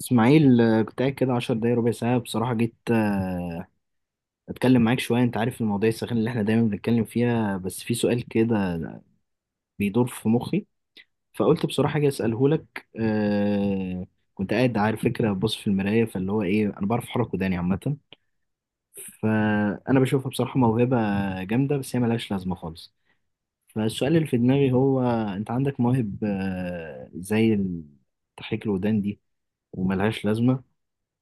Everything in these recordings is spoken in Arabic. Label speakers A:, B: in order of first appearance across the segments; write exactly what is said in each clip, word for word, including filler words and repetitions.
A: اسماعيل، آه، كنت قاعد كده عشر دقايق ربع ساعة بصراحة. جيت آه، اتكلم معاك شوية. انت عارف المواضيع الساخنة اللي احنا دايما بنتكلم فيها، بس في سؤال كده بيدور في مخي، فقلت بصراحة اجي اسأله لك. آه، كنت قاعد على فكرة بص في المراية، فاللي هو ايه، انا بعرف احرك وداني عامة، فانا بشوفها بصراحة موهبة جامدة، بس هي ملهاش لازمة خالص. فالسؤال اللي في دماغي هو: انت عندك مواهب آه، زي ال- تحريك الودان دي وملهاش لازمة،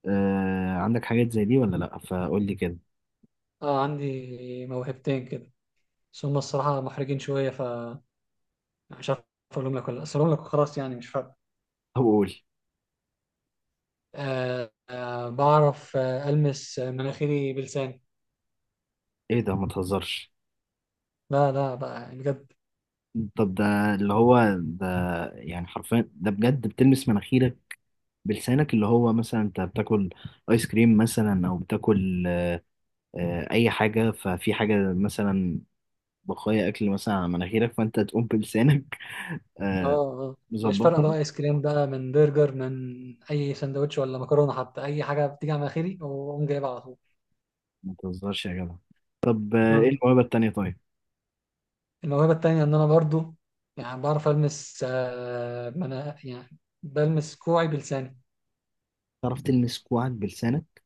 A: آه عندك حاجات زي دي ولا لأ؟ فقول لي كده.
B: اه، عندي موهبتين كده. بس هم الصراحة محرجين شوية، فمش عارف أقولهم لك ولا لأ. بس أقولهم لك وخلاص، يعني مش فارقة.
A: طب قول.
B: آه آه بعرف آه ألمس مناخيري بلساني.
A: ايه ده، ما تهزرش!
B: لا لا بقى يعني بجد.
A: طب ده، اللي هو ده، يعني حرفيا ده بجد بتلمس مناخيرك بلسانك؟ اللي هو مثلا انت بتاكل ايس كريم مثلا، او بتاكل آه اي حاجة، ففي حاجة مثلا، بقايا اكل مثلا على مناخيرك، فانت تقوم بلسانك
B: اه
A: آه
B: آه. مش فارقة
A: مظبطها.
B: بقى آيس كريم بقى من برجر من أي سندوتش ولا مكرونة، حتى أي حاجة بتيجي على مناخيري وأقوم جايبها على طول.
A: ما تهزرش يا جدع! طب آه، ايه
B: آه.
A: الموهبة التانية طيب؟
B: الموهبة التانية إن أنا برضو يعني بعرف ألمس آه منا... يعني بلمس كوعي بلساني.
A: تعرف تلمس كوعك بلسانك؟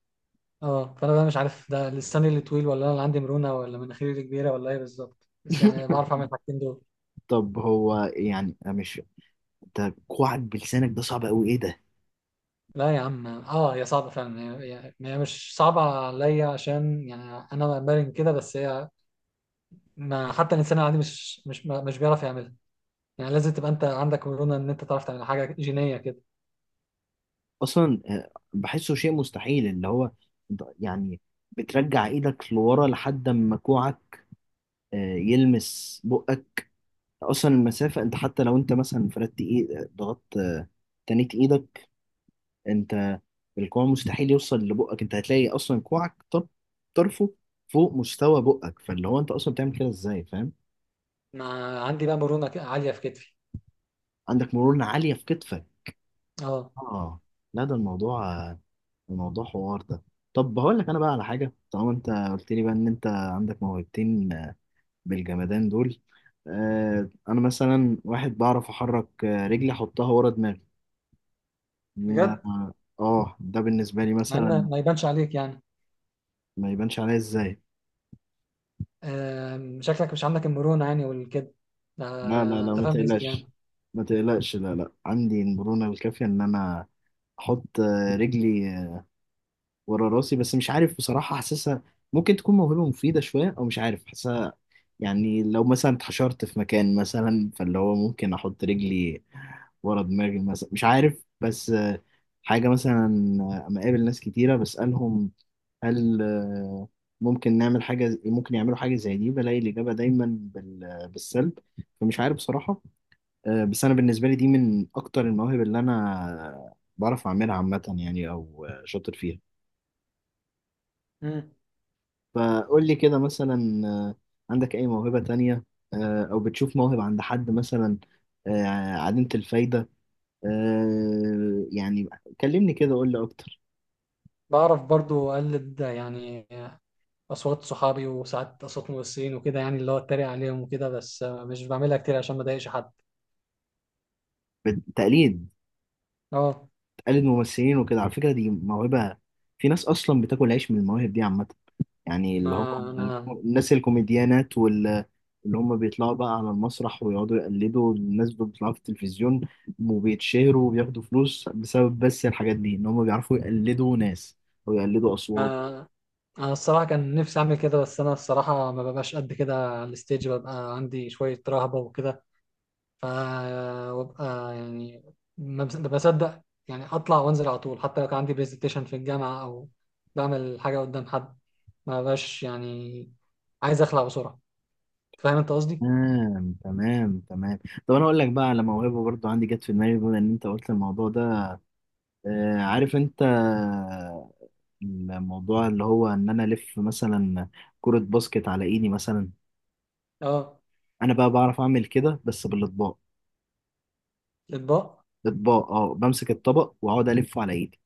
B: اه، فانا بقى مش عارف ده لساني اللي طويل ولا انا اللي عندي مرونه ولا مناخيري اللي كبيره ولا ايه بالظبط، بس يعني بعرف اعمل الحاجتين دول.
A: طب هو يعني مش، انت كوعك بلسانك ده صعب قوي، ايه ده؟
B: لا يا عم، اه هي صعبه فعلا. هي هي- هي مش صعبه عليا، عشان يعني انا مرن كده، بس هي ما حتى الانسان العادي مش مش ما- مش بيعرف يعملها. يعني لازم تبقى انت عندك مرونه ان انت تعرف تعمل حاجه جينيه كده.
A: اصلا آه، بحسه شيء مستحيل، اللي هو ده- يعني، بترجع ايدك لورا لحد ما كوعك آه، يلمس بقك. اصلا المسافة، انت حتى لو انت مثلا فردت ايد، ضغطت آه، تنيت ايدك، انت الكوع مستحيل يوصل لبقك. انت هتلاقي اصلا كوعك طر- طرفه فوق مستوى بقك، فاللي هو انت اصلا بتعمل كده ازاي؟ فاهم.
B: ما عندي بقى مرونه ك- عاليه في كتفي.
A: عندك مرونة عالية في كتفك.
B: اه،
A: اه. لا، ده الموضوع، الموضوع حوار ده. طب هقول لك انا بقى على حاجه، طالما انت قلت لي بقى ان انت عندك موهبتين بالجمدان دول. آه انا مثلا واحد بعرف احرك آه، رجلي احطها ورا دماغي.
B: بجد.
A: اه. آه، ده بالنسبه لي
B: مع
A: مثلا.
B: ان ما يبانش عليك يعني.
A: ما يبانش عليا ازاي؟
B: آه شكلك مش عندك المرونه يعني والكده.
A: لا لا
B: آه
A: لا،
B: انت
A: ما
B: فاهم قصدي
A: تقلقش،
B: يعني.
A: ما تقلقش. لا لا، عندي المرونه الكافيه ان انا احط آه، رجلي ورا راسي، بس مش عارف بصراحة حاسسها ممكن تكون موهبة مفيدة شوية أو مش عارف حاسسها. يعني لو مثلا اتحشرت في مكان مثلا، فاللي هو ممكن أحط رجلي ورا دماغي مثلا، مش عارف. بس آه، حاجة مثلا. آه، أما أقابل ناس كتيرة بسألهم: هل آه، ممكن نعمل حاجة ز- ممكن يعملوا حاجة زي دي؟ بلاقي الإجابة دايما بال- بالسلب. فمش عارف بصراحة. آه، بس أنا بالنسبة لي دي من أكتر المواهب اللي أنا بعرف أعملها عامة، يعني أو آه، شاطر فيها.
B: مم.
A: فقول لي كده مثلا، آه، عندك أي موهبة تانية، آه، أو بتشوف موهبة عند حد مثلا آه، عديمة الفايدة، آه، يعني؟ كلمني كده، قول لي أكتر.
B: بعرف برضو أقلد يعني أصوات صحابي، وساعات أصوات ممثلين وكده، يعني اللي هو أتريق عليهم وكده، بس مش بعملها كتير عشان ما أضايقش حد.
A: بت- تقليد؟
B: أه،
A: تقلد ممثلين وكده؟ على فكرة دي موهبة، في ناس أصلا بتاكل عيش من المواهب دي عامة. يعني
B: ما
A: اللي هو
B: أنا
A: الناس الكوميديانات وال اللي هم بيطلعوا بقى على المسرح ويقعدوا يقلدوا الناس اللي بيطلعوا في التلفزيون، وبيتشهروا وبياخدوا فلوس بسبب بس الحاجات دي، ان هم بيعرفوا يقلدوا ناس ويقلدوا اصوات.
B: ما أنا الصراحة كان نفسي أعمل كده، بس أنا الصراحة ما ببقاش قد كده على الستيج، ببقى عندي شوية رهبة وكده. ف وببقى يعني ما بص- ما بصدق يعني أطلع وأنزل على طول، حتى لو كان عندي برزنتيشن في الجامعة أو بعمل حاجة قدام حد، ما ببقاش يعني عايز أخلع بسرعة. فاهم أنت قصدي؟
A: تمام، تمام، تمام. طب انا اقول لك بقى على موهبه برضو عندي جت في دماغي، بما ان انت قلت الموضوع ده. آه عارف انت آه، الموضوع اللي هو ان انا الف مثلا كرة باسكت على ايدي مثلا؟
B: اه.
A: انا بقى بعرف اعمل كده بس بالاطباق.
B: اطباق.
A: اطباق، اه، بمسك الطبق واقعد الفه على ايدي.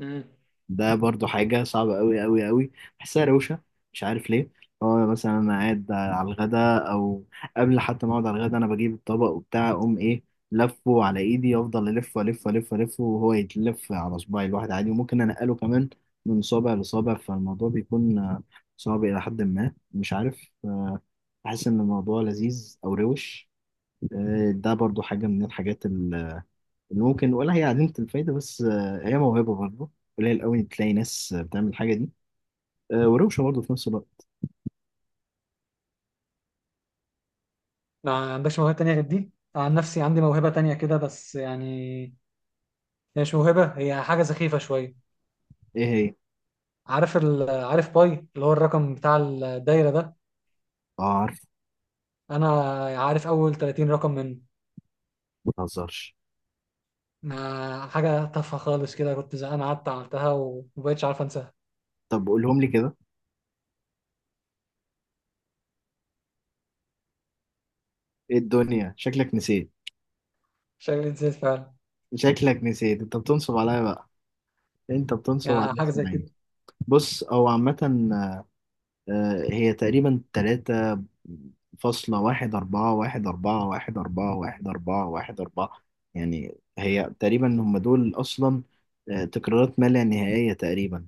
B: امم
A: ده برضو حاجه صعبه قوي قوي قوي، بحسها روشه، مش عارف ليه. اه مثلا انا قاعد على الغدا او قبل حتى ما اقعد على الغدا، انا بجيب الطبق وبتاع، اقوم ايه، لفه على ايدي، افضل الف والف والف والف وهو يتلف على صباعي الواحد عادي، وممكن انقله كمان من صابع لصابع. فالموضوع بيكون آه، صعب الى حد ما، مش عارف. آه، بحس ان الموضوع لذيذ او روش. آه، ده برضو حاجه من الحاجات اللي ممكن، ولا هي عديمة الفايدة، بس آه، هي موهبة برضه. قليل قوي تلاقي ناس آه، بتعمل الحاجة دي آه، وروشة برضه في نفس الوقت.
B: ما عندكش موهبه تانية غير دي؟ عن نفسي عندي موهبه تانية كده، بس يعني هي مش موهبه، هي حاجه سخيفه شويه.
A: ايه هي؟
B: عارف ال... عارف باي اللي هو الرقم بتاع الدايره ده.
A: اه عارف.
B: انا عارف اول تلاتين رقم منه.
A: ما تهزرش!
B: ما حاجه تافهه خالص كده، كنت زهقان قعدت عملتها ومبقتش عارف انساها.
A: طب قولهم لي كده. ايه الدنيا، شكلك نسيت؟
B: شكلي نسيت فعلا.
A: شكلك نسيت، انت بتنصب عليا بقى، انت بتنصب
B: يعني
A: على
B: حاجه زي كده.
A: اسماعيل. بص هو عامة، آه، هي تقريبا تلاتة فاصلة واحد أربعة واحد أربعة واحد أربعة واحد أربعة واحد أربعة. يعني هي تقريبا هم دول أصلا، آه، تكرارات ما لا نهائية تقريبا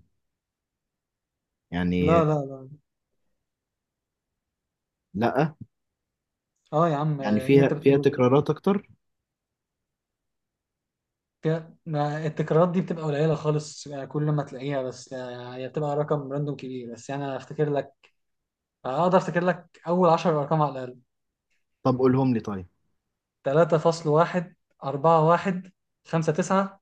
A: يعني.
B: لا لا لا.
A: لا.
B: اه يا عم،
A: يعني
B: إيه اللي
A: فيها
B: انت
A: فيها
B: بتقوله ده؟
A: تكرارات اكتر.
B: فيها- ما التكرارات دي بتبقى قليلة خالص يعني، كل ما تلاقيها بس، آه، هي بتبقى رقم راندوم كبير، بس يعني أنا أفتكر لك. أقدر أفتكر لك أول عشرة أرقام على الأقل.
A: طب قولهم لي طيب.
B: تلاتة فاصلة واحد، أربعة فاصلة واحد، خمسة فاصلة تسعة،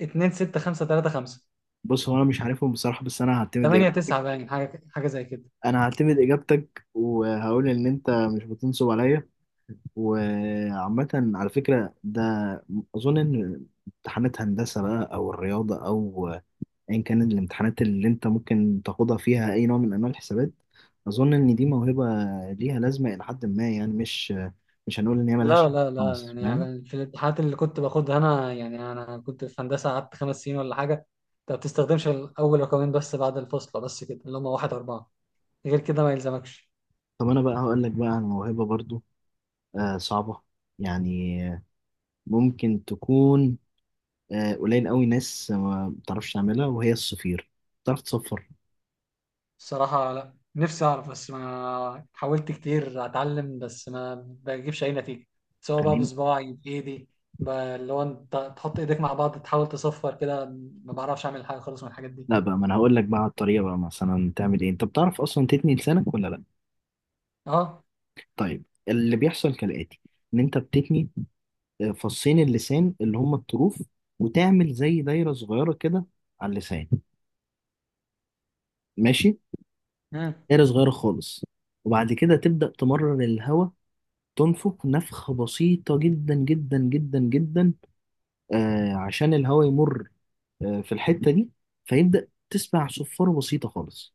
B: 2.6.5.3.5،
A: بص هو انا مش عارفهم بصراحه، بس انا هعتمد إج...
B: تمانية، تسعة باين، حاجة حاجة زي كده.
A: انا هعتمد اجابتك وهقول ان انت مش بتنصب عليا. وعامه، على فكره ده، اظن ان امتحانات هندسه بقى او الرياضه، او ايا كان الامتحانات اللي انت ممكن تاخدها فيها اي نوع من انواع الحسابات، اظن ان دي موهبه ليها لازمه الى حد ما، يعني مش مش هنقول ان هي ملهاش
B: لا لا لا.
A: خالص،
B: يعني
A: فاهم.
B: يعني في الامتحانات اللي كنت باخدها أنا، يعني أنا كنت في هندسة قعدت خمس سنين ولا حاجة. أنت ما بتستخدمش الأول رقمين بس، بعد الفصل بس كده اللي هم واحد أربعة، غير كده ما يلزمكش.
A: طب انا بقى هقول لك بقى عن موهبه برضو آه، صعبة، يعني آه، ممكن تكون آه، قليل قوي ناس ما بتعرفش تعملها، وهي الصفير. بتعرف تصفر؟
B: الصراحة لا، نفسي أعرف بس ما حاولت كتير أتعلم، بس ما بجيبش أي نتيجة. سواء بقى
A: خليني.
B: بصباعي، بإيدي، ب- اللي هو أنت تحط إيديك مع بعض تحاول تصفر كده. ما بعرفش أعمل حاجة خالص من الحاجات دي.
A: لا بقى، ما انا هقول لك بقى على الطريقة بقى، مثلا تعمل ايه. انت بتعرف اصلا تتني لسانك ولا لا؟
B: أه.
A: طيب اللي بيحصل كالآتي: ان انت بتتني آه، فصين اللسان اللي هم الطروف، وتعمل زي دايرة صغيرة كده على اللسان، ماشي.
B: مم.
A: دايرة صغيرة خالص، وبعد كده تبدأ تمرر الهواء، تنفخ نفخة بسيطة جدا جدا جدا جدا، آه عشان الهواء يمر آه في الحتة دي، فيبدأ تسمع صفارة بسيطة خالص.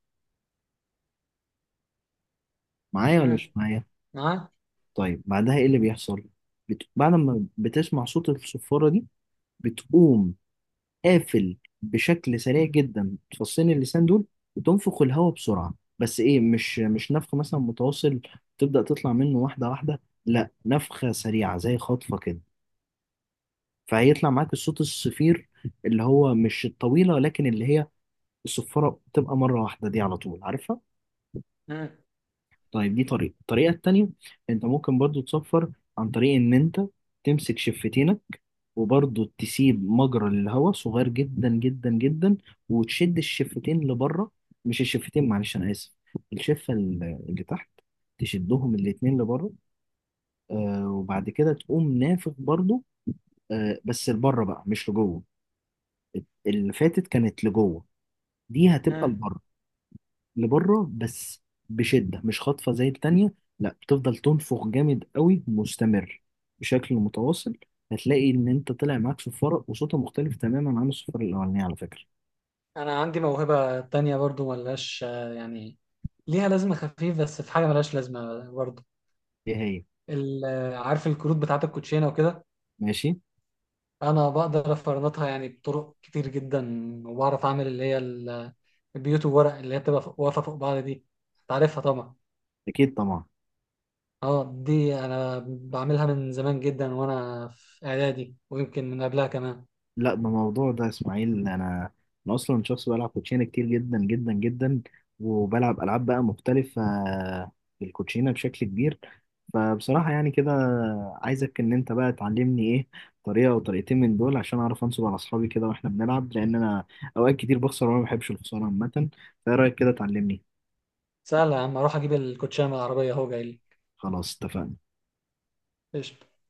A: معايا ولا مش
B: مم.
A: معايا؟
B: معاك.
A: طيب بعدها ايه اللي بيحصل؟ بت... بعد ما بتسمع صوت الصفارة دي، بتقوم قافل بشكل سريع جدا تفصين اللسان دول، وتنفخ الهواء بسرعة، بس ايه، مش، مش نفخ مثلا متواصل تبدأ تطلع منه واحدة واحدة، لا، نفخة سريعة زي خطفة كده، فهيطلع معاك الصوت الصفير، اللي هو مش الطويلة، لكن اللي هي الصفارة بتبقى مرة واحدة دي على طول، عارفها؟
B: مم.
A: طيب دي طريقة. الطريقة التانية، انت ممكن برضو تصفر عن طريق ان انت تمسك شفتينك، وبرضو تسيب مجرى للهواء صغير جدا جدا جدا، وتشد الشفتين لبره. مش الشفتين، معلش انا اسف، الشفة ال- اللي تحت، تشدهم الاتنين لبره. آه وبعد كده تقوم نافخ برضو، آه بس لبره بقى مش لجوه. اللي فاتت كانت لجوه، دي هتبقى
B: مم.
A: لبره. لبره بس، بشدة، مش خاطفة زي التانية، لا، بتفضل تنفخ جامد قوي مستمر بشكل متواصل. هتلاقي ان انت طلع معاك صفارة وصوتها مختلف تماما عن الصفارة الاولانية، على فكرة.
B: أنا عندي موهبة تانية برضو ملهاش، آه، يعني ليها لازمة خفيف، بس في حاجة ملهاش لازمة برضو.
A: ايه هي؟
B: ال- آه، عارف الكروت بتاعة الكوتشينة وكده.
A: ماشي.
B: انا بقدر افرنطها يعني بطرق كتير جدا، وبعرف اعمل اللي هي ال- البيوت، وورق اللي هي بتبقى فوق- واقفه فوق بعض دي، تعرفها طبعا.
A: اكيد طبعا.
B: اه، دي انا بعملها من زمان جدا وانا في اعدادي، ويمكن من قبلها كمان.
A: لا، ده موضوع ده يا اسماعيل. انا، انا اصلا شخص بلعب كوتشينه كتير جدا جدا جدا، وبلعب العاب بقى مختلفه بالكوتشينه بشكل كبير، فبصراحه يعني كده، عايزك ان انت بقى تعلمني ايه، طريقه او طريقتين من دول، عشان اعرف انصب على اصحابي كده واحنا بنلعب، لان انا اوقات كتير بخسر وانا ما بحبش الخساره عامه. فايه رايك كده، تعلمني؟
B: سهله يا عم، اروح اجيب الكوتشيه من العربيه اهو جاي لي.
A: خلاص اتفقنا.
B: قشطة.